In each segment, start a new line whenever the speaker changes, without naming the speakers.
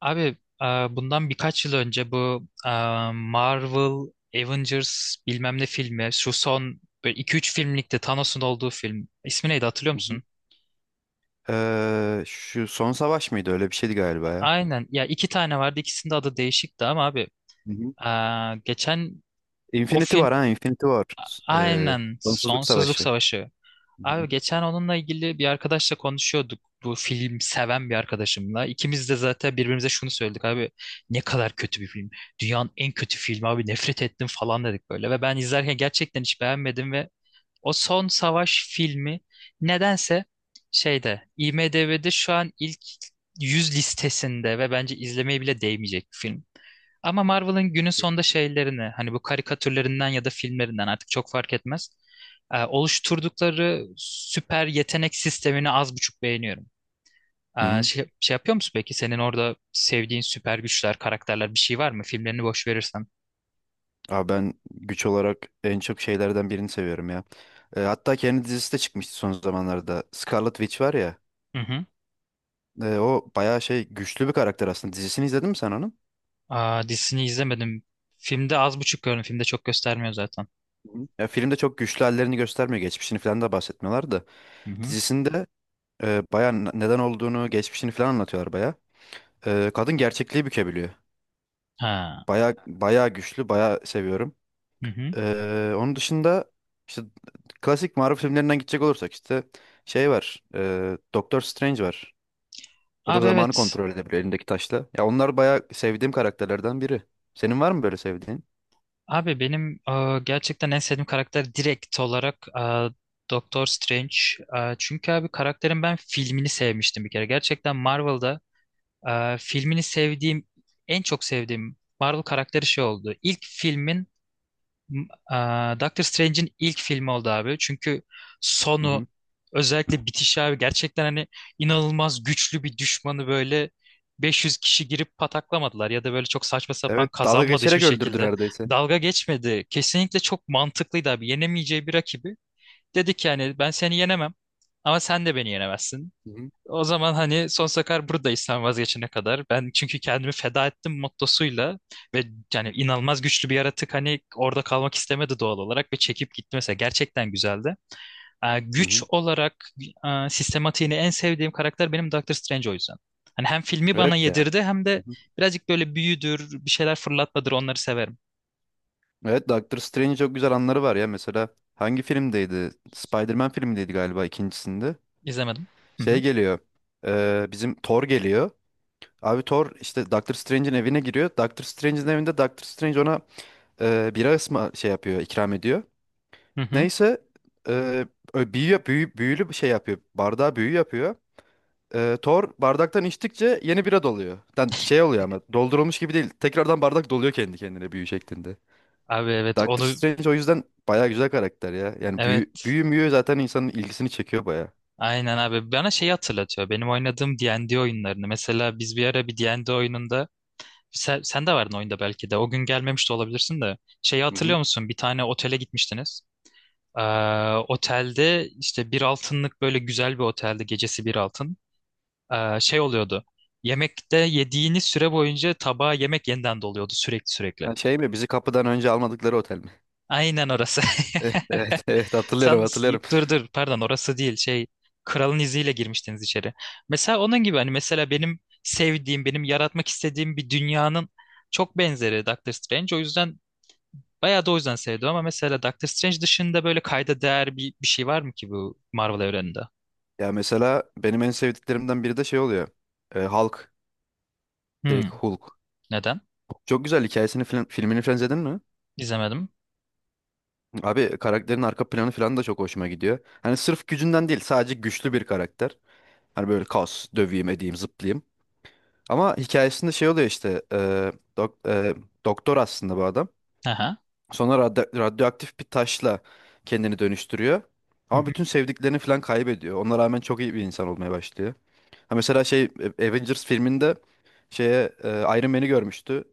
Abi e, bundan birkaç yıl önce bu Marvel Avengers bilmem ne filmi şu son 2-3 filmlikte Thanos'un olduğu film. İsmi neydi hatırlıyor
Hı hı.
musun?
Şu son savaş mıydı? Öyle bir şeydi galiba ya.
Aynen ya iki tane vardı ikisinin de adı değişikti ama abi
Hı hı.
geçen o
Infinity
film
var ha, Infinity var. Ee,
aynen
Sonsuzluk
Sonsuzluk
savaşı. Hı
Savaşı.
hı.
Abi geçen onunla ilgili bir arkadaşla konuşuyorduk. Bu film seven bir arkadaşımla. İkimiz de zaten birbirimize şunu söyledik abi. Ne kadar kötü bir film. Dünyanın en kötü filmi abi nefret ettim falan dedik böyle. Ve ben izlerken gerçekten hiç beğenmedim ve o son savaş filmi nedense şeyde IMDb'de şu an ilk 100 listesinde ve bence izlemeye bile değmeyecek bir film. Ama Marvel'ın günün sonunda şeylerini hani bu karikatürlerinden ya da filmlerinden artık çok fark etmez oluşturdukları süper yetenek sistemini az buçuk beğeniyorum.
Hı
E,
hı.
şey, şey yapıyor musun peki? Senin orada sevdiğin süper güçler, karakterler bir şey var mı? Filmlerini boş verirsen.
Abi ben güç olarak en çok şeylerden birini seviyorum ya. Hatta kendi dizisi de çıkmıştı son zamanlarda. Scarlet Witch var ya.
Hı hı.
O bayağı şey güçlü bir karakter aslında. Dizisini izledin mi sen onun?
Aa, dizisini izlemedim. Filmde az buçuk gördüm. Filmde çok göstermiyor zaten.
Hı. Ya filmde çok güçlü hallerini göstermiyor. Geçmişini falan da bahsetmiyorlar da.
Hı hı.
Dizisinde bayağı neden olduğunu, geçmişini falan anlatıyorlar bayağı. Kadın gerçekliği bükebiliyor.
Ha.
Bayağı bayağı güçlü, bayağı seviyorum.
Hı hı.
Onun dışında işte klasik Marvel filmlerinden gidecek olursak işte şey var. Doctor Strange var. O da
Abi
zamanı
evet.
kontrol edebiliyor elindeki taşla. Ya onlar bayağı sevdiğim karakterlerden biri. Senin var mı böyle sevdiğin?
Abi benim gerçekten en sevdiğim karakter direkt olarak Doctor Strange. Çünkü abi karakterin ben filmini sevmiştim bir kere. Gerçekten Marvel'da filmini sevdiğim, en çok sevdiğim Marvel karakteri şey oldu. İlk filmin, Doctor Strange'in ilk filmi oldu abi. Çünkü sonu, özellikle bitişi abi gerçekten hani inanılmaz güçlü bir düşmanı böyle 500 kişi girip pataklamadılar ya da böyle çok saçma sapan
Evet, dalga
kazanmadı hiçbir
geçerek öldürdü
şekilde.
neredeyse.
Dalga geçmedi. Kesinlikle çok mantıklıydı abi. Yenemeyeceği bir rakibi. Dedi ki yani ben seni yenemem ama sen de beni yenemezsin.
Hı hı.
O zaman hani sonsuza kadar buradayız sen vazgeçene kadar. Ben çünkü kendimi feda ettim mottosuyla ve yani inanılmaz güçlü bir yaratık hani orada kalmak istemedi doğal olarak ve çekip gitti mesela. Gerçekten güzeldi. Ee,
Hı
güç
hı.
olarak sistematiğini en sevdiğim karakter benim Doctor Strange o yüzden. Hani hem filmi bana
Evet ya.
yedirdi hem
Hı
de
hı.
birazcık böyle büyüdür, bir şeyler fırlatmadır onları severim.
Evet, Doctor Strange çok güzel anları var ya. Mesela hangi filmdeydi? Spider-Man filmindeydi galiba ikincisinde.
İzlemedim. Hı
Şey
hı.
geliyor. Bizim Thor geliyor. Abi Thor işte Doctor Strange'in evine giriyor. Doctor Strange'in evinde Doctor Strange ona bira ısma şey yapıyor, ikram ediyor.
Hı hı.
Neyse e, büyülü bir şey yapıyor. Bardağa büyü yapıyor. Thor bardaktan içtikçe yeni bira doluyor. Yani şey oluyor ama doldurulmuş gibi değil. Tekrardan bardak doluyor kendi kendine büyü şeklinde.
Abi evet
Doctor
onu
Strange o yüzden bayağı güzel karakter ya. Yani büyü,
evet.
büyü müyü zaten insanın ilgisini çekiyor bayağı.
Aynen abi. Bana şeyi hatırlatıyor. Benim oynadığım D&D oyunlarını. Mesela biz bir ara bir D&D oyununda sen de vardın oyunda belki de. O gün gelmemiş de olabilirsin de. Şeyi
Hı hı.
hatırlıyor musun? Bir tane otele gitmiştiniz. Ee, otelde işte bir altınlık böyle güzel bir otelde gecesi bir altın. Şey oluyordu. Yemekte yediğiniz süre boyunca tabağa yemek yeniden doluyordu sürekli sürekli.
Ha, şey mi bizi kapıdan önce almadıkları otel mi?
Aynen orası.
Evet, evet, evet, hatırlıyorum
Sen
hatırlıyorum.
dur dur pardon orası değil şey kralın iziyle girmiştiniz içeri. Mesela onun gibi hani mesela benim sevdiğim benim yaratmak istediğim bir dünyanın çok benzeri Doctor Strange. O yüzden bayağı da o yüzden sevdim ama mesela Doctor Strange dışında böyle kayda değer bir şey var mı ki bu Marvel evreninde?
Ya mesela benim en sevdiklerimden biri de şey oluyor. Hulk.
Hmm,
Direkt Hulk.
neden?
Çok güzel hikayesini filmini falan izledin mi?
İzlemedim.
Abi karakterin arka planı falan da çok hoşuma gidiyor. Hani sırf gücünden değil sadece güçlü bir karakter. Hani böyle kaos, döveyim, edeyim, zıplayayım. Ama hikayesinde şey oluyor işte dok- e, doktor aslında bu adam.
Aha.
Sonra radyoaktif bir taşla kendini dönüştürüyor.
Hı
Ama
hı.
bütün sevdiklerini falan kaybediyor. Ona rağmen çok iyi bir insan olmaya başlıyor. Ha, mesela şey Avengers filminde şeye Iron Man'i görmüştü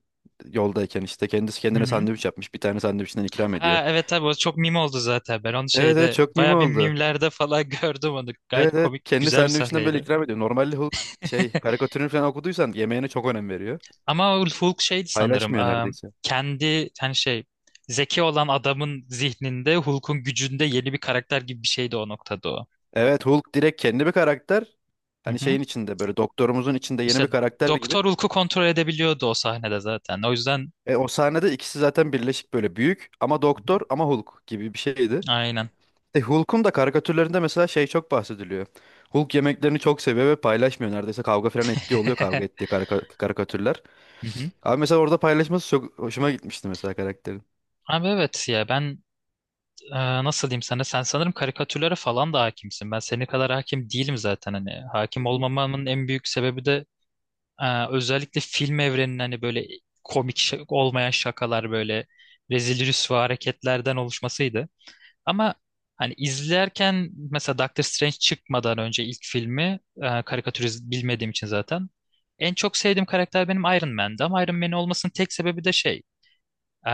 yoldayken işte kendisi
Hı
kendine
hı.
sandviç yapmış. Bir tane sandviçinden ikram ediyor.
Ha evet tabii o çok meme oldu zaten. Ben onu
Evet, evet,
şeyde
çok meme
bayağı bir
oldu.
mimlerde falan gördüm onu. Gayet
Evet, evet,
komik
kendi
güzel bir
sandviçinden böyle
sahneydi.
ikram ediyor. Normalde Hulk şey karikatürünü falan okuduysan yemeğine çok önem veriyor.
Ama Ulf Hulk şeydi sanırım.
Paylaşmıyor
e,
neredeyse.
kendi hani şey zeki olan adamın zihninde Hulk'un gücünde yeni bir karakter gibi bir şeydi o noktada o.
Evet, Hulk direkt kendi bir karakter.
Hı
Hani
hı.
şeyin içinde böyle doktorumuzun içinde yeni
İşte
bir karakter gibi.
Doktor Hulk'u kontrol edebiliyordu o sahnede zaten. O yüzden
E, o sahnede ikisi zaten birleşik böyle büyük ama
Hı
doktor
hı.
ama Hulk gibi bir şeydi.
Aynen.
E, Hulk'un da karikatürlerinde mesela şey çok bahsediliyor. Hulk yemeklerini çok seviyor ve paylaşmıyor neredeyse, kavga falan ettiği oluyor, kavga ettiği karikatürler.
Hı hı.
Abi mesela orada paylaşması çok hoşuma gitmişti mesela karakterin.
Abi evet ya ben nasıl diyeyim sana sen sanırım karikatürlere falan da hakimsin. Ben senin kadar hakim değilim zaten hani.
Hı
Hakim
hı.
olmamamın en büyük sebebi de özellikle film evreninin hani böyle komik olmayan şakalar böyle rezil rüsva hareketlerden oluşmasıydı. Ama hani izlerken mesela Doctor Strange çıkmadan önce ilk filmi karikatürist bilmediğim için zaten en çok sevdiğim karakter benim Iron Man'di ama Iron Man olmasının tek sebebi de şey e,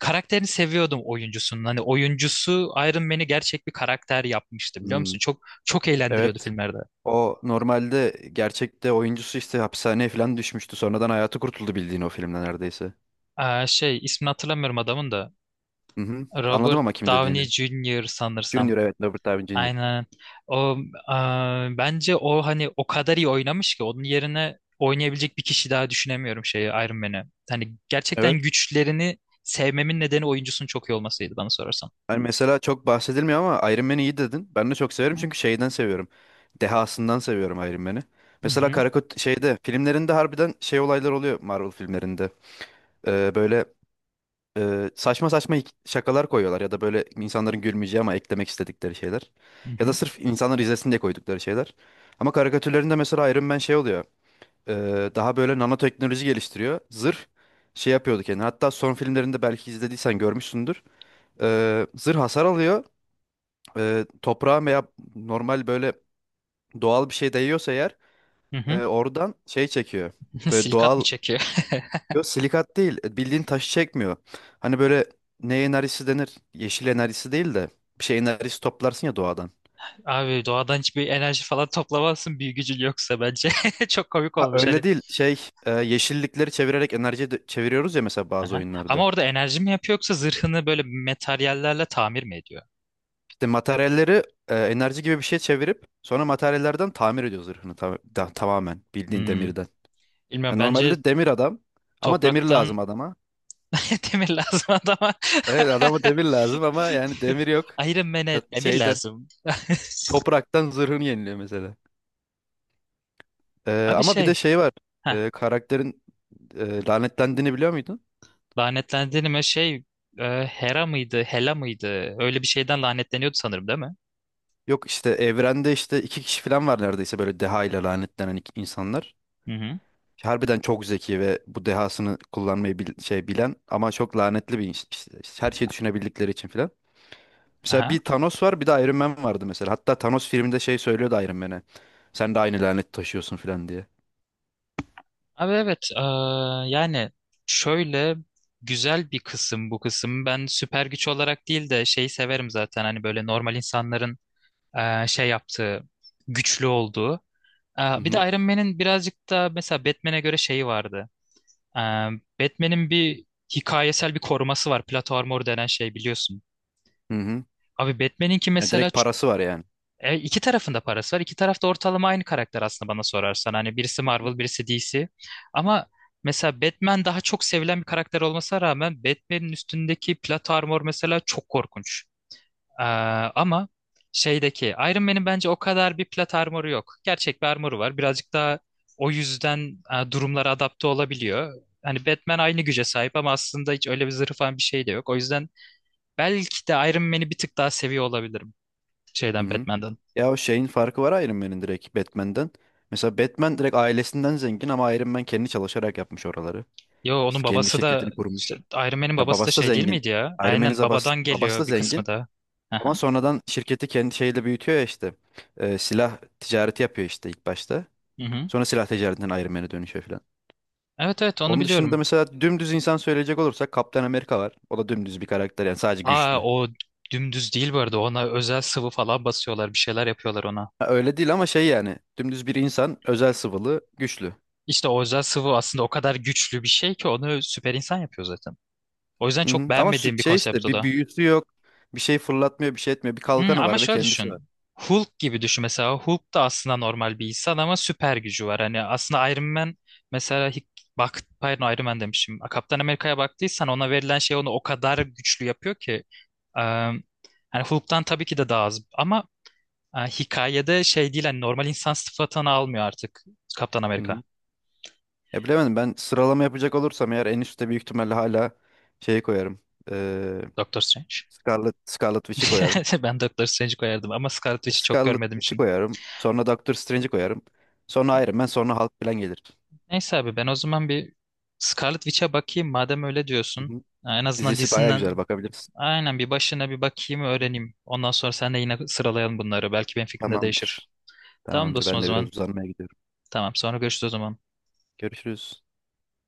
karakterini seviyordum oyuncusunun. Hani oyuncusu Iron Man'i gerçek bir karakter yapmıştı biliyor
Hmm.
musun? Çok çok eğlendiriyordu
Evet.
filmlerde.
O normalde gerçekte oyuncusu işte hapishaneye falan düşmüştü. Sonradan hayatı kurtuldu bildiğin o filmden neredeyse.
Şey ismini hatırlamıyorum adamın da.
Hı hı. Anladım
Robert
ama kim
Downey
dediğini.
Jr.
Junior,
sanırsam.
evet, Robert Downey Junior.
Aynen. O e, bence o hani o kadar iyi oynamış ki onun yerine oynayabilecek bir kişi daha düşünemiyorum şeyi Iron Man'i. Hani gerçekten
Evet.
güçlerini sevmemin nedeni oyuncusunun çok iyi olmasıydı bana sorarsan.
Hani mesela çok bahsedilmiyor ama Iron Man'i iyi dedin. Ben de çok severim
Hı hı.
çünkü şeyden seviyorum. Dehasından seviyorum Iron Man'i.
Hı
Mesela
hı.
Karakut şeyde filmlerinde harbiden şey olaylar oluyor Marvel filmlerinde. Böyle saçma saçma şakalar koyuyorlar ya da böyle insanların gülmeyeceği ama eklemek istedikleri şeyler. Ya da sırf insanlar izlesin diye koydukları şeyler. Ama karikatürlerinde mesela Iron Man şey oluyor. Daha böyle nanoteknoloji geliştiriyor. Zırh şey yapıyordu kendine. Hatta son filmlerinde belki izlediysen görmüşsündür. Zırh hasar alıyor. Toprağa veya normal böyle doğal bir şey değiyorsa eğer
Hı hı.
oradan şey çekiyor.
Hı.
Böyle
Silikat mı
doğal.
çekiyor?
Yok, silikat değil. Bildiğin taşı çekmiyor. Hani böyle ne enerjisi denir? Yeşil enerjisi değil de bir şey enerjisi toplarsın ya doğadan.
Abi doğadan hiçbir enerji falan toplamazsın büyü gücün yoksa bence. Çok komik
Ha,
olmuş hani.
öyle değil. Şey yeşillikleri çevirerek enerji çeviriyoruz ya mesela bazı
Aha. Ama
oyunlarda.
orada enerji mi yapıyor yoksa zırhını böyle materyallerle tamir mi ediyor?
İşte materyalleri enerji gibi bir şey çevirip sonra materyallerden tamir ediyor zırhını tamamen bildiğin
Hmm.
demirden. Ha,
Bilmiyorum bence
normalde demir adam ama demir lazım
topraktan
adama.
demir lazım adama.
Evet, adama demir lazım ama yani demir yok.
Iron Man'e
Mesela
demir
şeyden,
lazım.
topraktan zırhını yeniliyor mesela. E,
Abi
ama bir de
şey,
şey var.
heh,
E, karakterin lanetlendiğini biliyor muydun?
lanetlendiğime şey Hera mıydı, Hela mıydı? Öyle bir şeyden lanetleniyordu sanırım değil mi?
Yok, işte evrende işte iki kişi falan var neredeyse böyle deha ile lanetlenen insanlar.
Hı hı.
Harbiden çok zeki ve bu dehasını kullanmayı şey bilen ama çok lanetli bir iş. İşte işte, her şeyi düşünebildikleri için filan. Mesela
Aha.
bir Thanos var bir de Iron Man vardı mesela. Hatta Thanos filminde şey söylüyordu Iron Man'e. Sen de aynı lanet taşıyorsun filan diye.
Abi evet, yani şöyle güzel bir kısım bu kısım. Ben süper güç olarak değil de şeyi severim zaten. Hani böyle normal insanların şey yaptığı, güçlü olduğu. E,
Hı
bir de
hı.
Iron Man'in birazcık da mesela Batman'e göre şeyi vardı. Ee, Batman'in bir hikayesel bir koruması var. Plato Armor denen şey biliyorsun.
Hı hı.
Abi Batman'inki
Ya
mesela
direkt parası var yani.
iki tarafında parası var. İki tarafta ortalama aynı karakter aslında bana sorarsan. Hani birisi Marvel, birisi DC. Ama mesela Batman daha çok sevilen bir karakter olmasına rağmen Batman'in üstündeki Plato Armor mesela çok korkunç. Ee, ama şeydeki Iron Man'in bence o kadar bir plat armoru yok. Gerçek bir armoru var. Birazcık daha o yüzden durumlara adapte olabiliyor. Hani Batman aynı güce sahip ama aslında hiç öyle bir zırhı falan bir şey de yok. O yüzden belki de Iron Man'i bir tık daha seviyor olabilirim
Hı
şeyden
hı.
Batman'dan.
Ya o şeyin farkı var Iron Man'in direkt Batman'den. Mesela Batman direkt ailesinden zengin ama Iron Man kendi çalışarak yapmış oraları.
Yo
İşte
onun
kendi
babası da
şirketini
işte
kurmuş.
Iron Man'in
Ya
babası da
babası da
şey değil
zengin.
miydi ya?
Iron Man'in
Aynen babadan
babası da
geliyor bir
zengin.
kısmı da.
Ama
Aha.
sonradan şirketi kendi şeyle büyütüyor ya işte. Silah ticareti yapıyor işte ilk başta.
Hı hı.
Sonra silah ticaretinden Iron Man'e dönüşüyor falan.
Evet evet onu
Onun dışında
biliyorum.
mesela dümdüz insan söyleyecek olursak Kaptan Amerika var. O da dümdüz bir karakter yani sadece
Aa
güçlü.
o dümdüz değil bu arada. Ona özel sıvı falan basıyorlar. Bir şeyler yapıyorlar ona.
Ha, öyle değil ama şey yani dümdüz bir insan özel sıvılı güçlü.
İşte o özel sıvı aslında o kadar güçlü bir şey ki onu süper insan yapıyor zaten. O yüzden
Hı
çok
hı. Ama
beğenmediğim bir
şey
konsept
işte
o
bir
da.
büyüsü yok. Bir şey fırlatmıyor, bir şey etmiyor. Bir
Hmm,
kalkanı
ama
var ve
şöyle
kendisi var.
düşün. Hulk gibi düşün mesela. Hulk da aslında normal bir insan ama süper gücü var. Hani aslında Iron Man mesela bak pardon Iron Man demişim. Kaptan Amerika'ya baktıysan ona verilen şey onu o kadar güçlü yapıyor ki. Eee hani Hulk'tan tabii ki de daha az ama hikayede şey değil hani normal insan sıfatını almıyor artık Kaptan
Hı
Amerika.
hı. Ya bilemedim, ben sıralama yapacak olursam eğer en üstte büyük ihtimalle hala şeyi koyarım. Ee,
Doctor Strange.
Scarlet Witch'i koyarım.
Ben Doctor Strange koyardım ama Scarlet Witch'i çok
Scarlet
görmediğim
Witch'i
için.
koyarım. Sonra Doctor Strange'i koyarım. Sonra Iron Man, sonra Hulk falan gelir.
Neyse abi ben o zaman bir Scarlet Witch'e bakayım madem öyle
Hı
diyorsun.
hı.
En azından
Dizisi baya
dizisinden
güzel, bakabiliriz.
aynen bir başına bir bakayım öğreneyim. Ondan sonra sen de yine sıralayalım bunları. Belki benim fikrim de değişir.
Tamamdır.
Tamam
Tamamdır.
dostum
Ben
o
de biraz
zaman.
uzanmaya gidiyorum.
Tamam sonra görüşürüz o zaman.
Görüşürüz.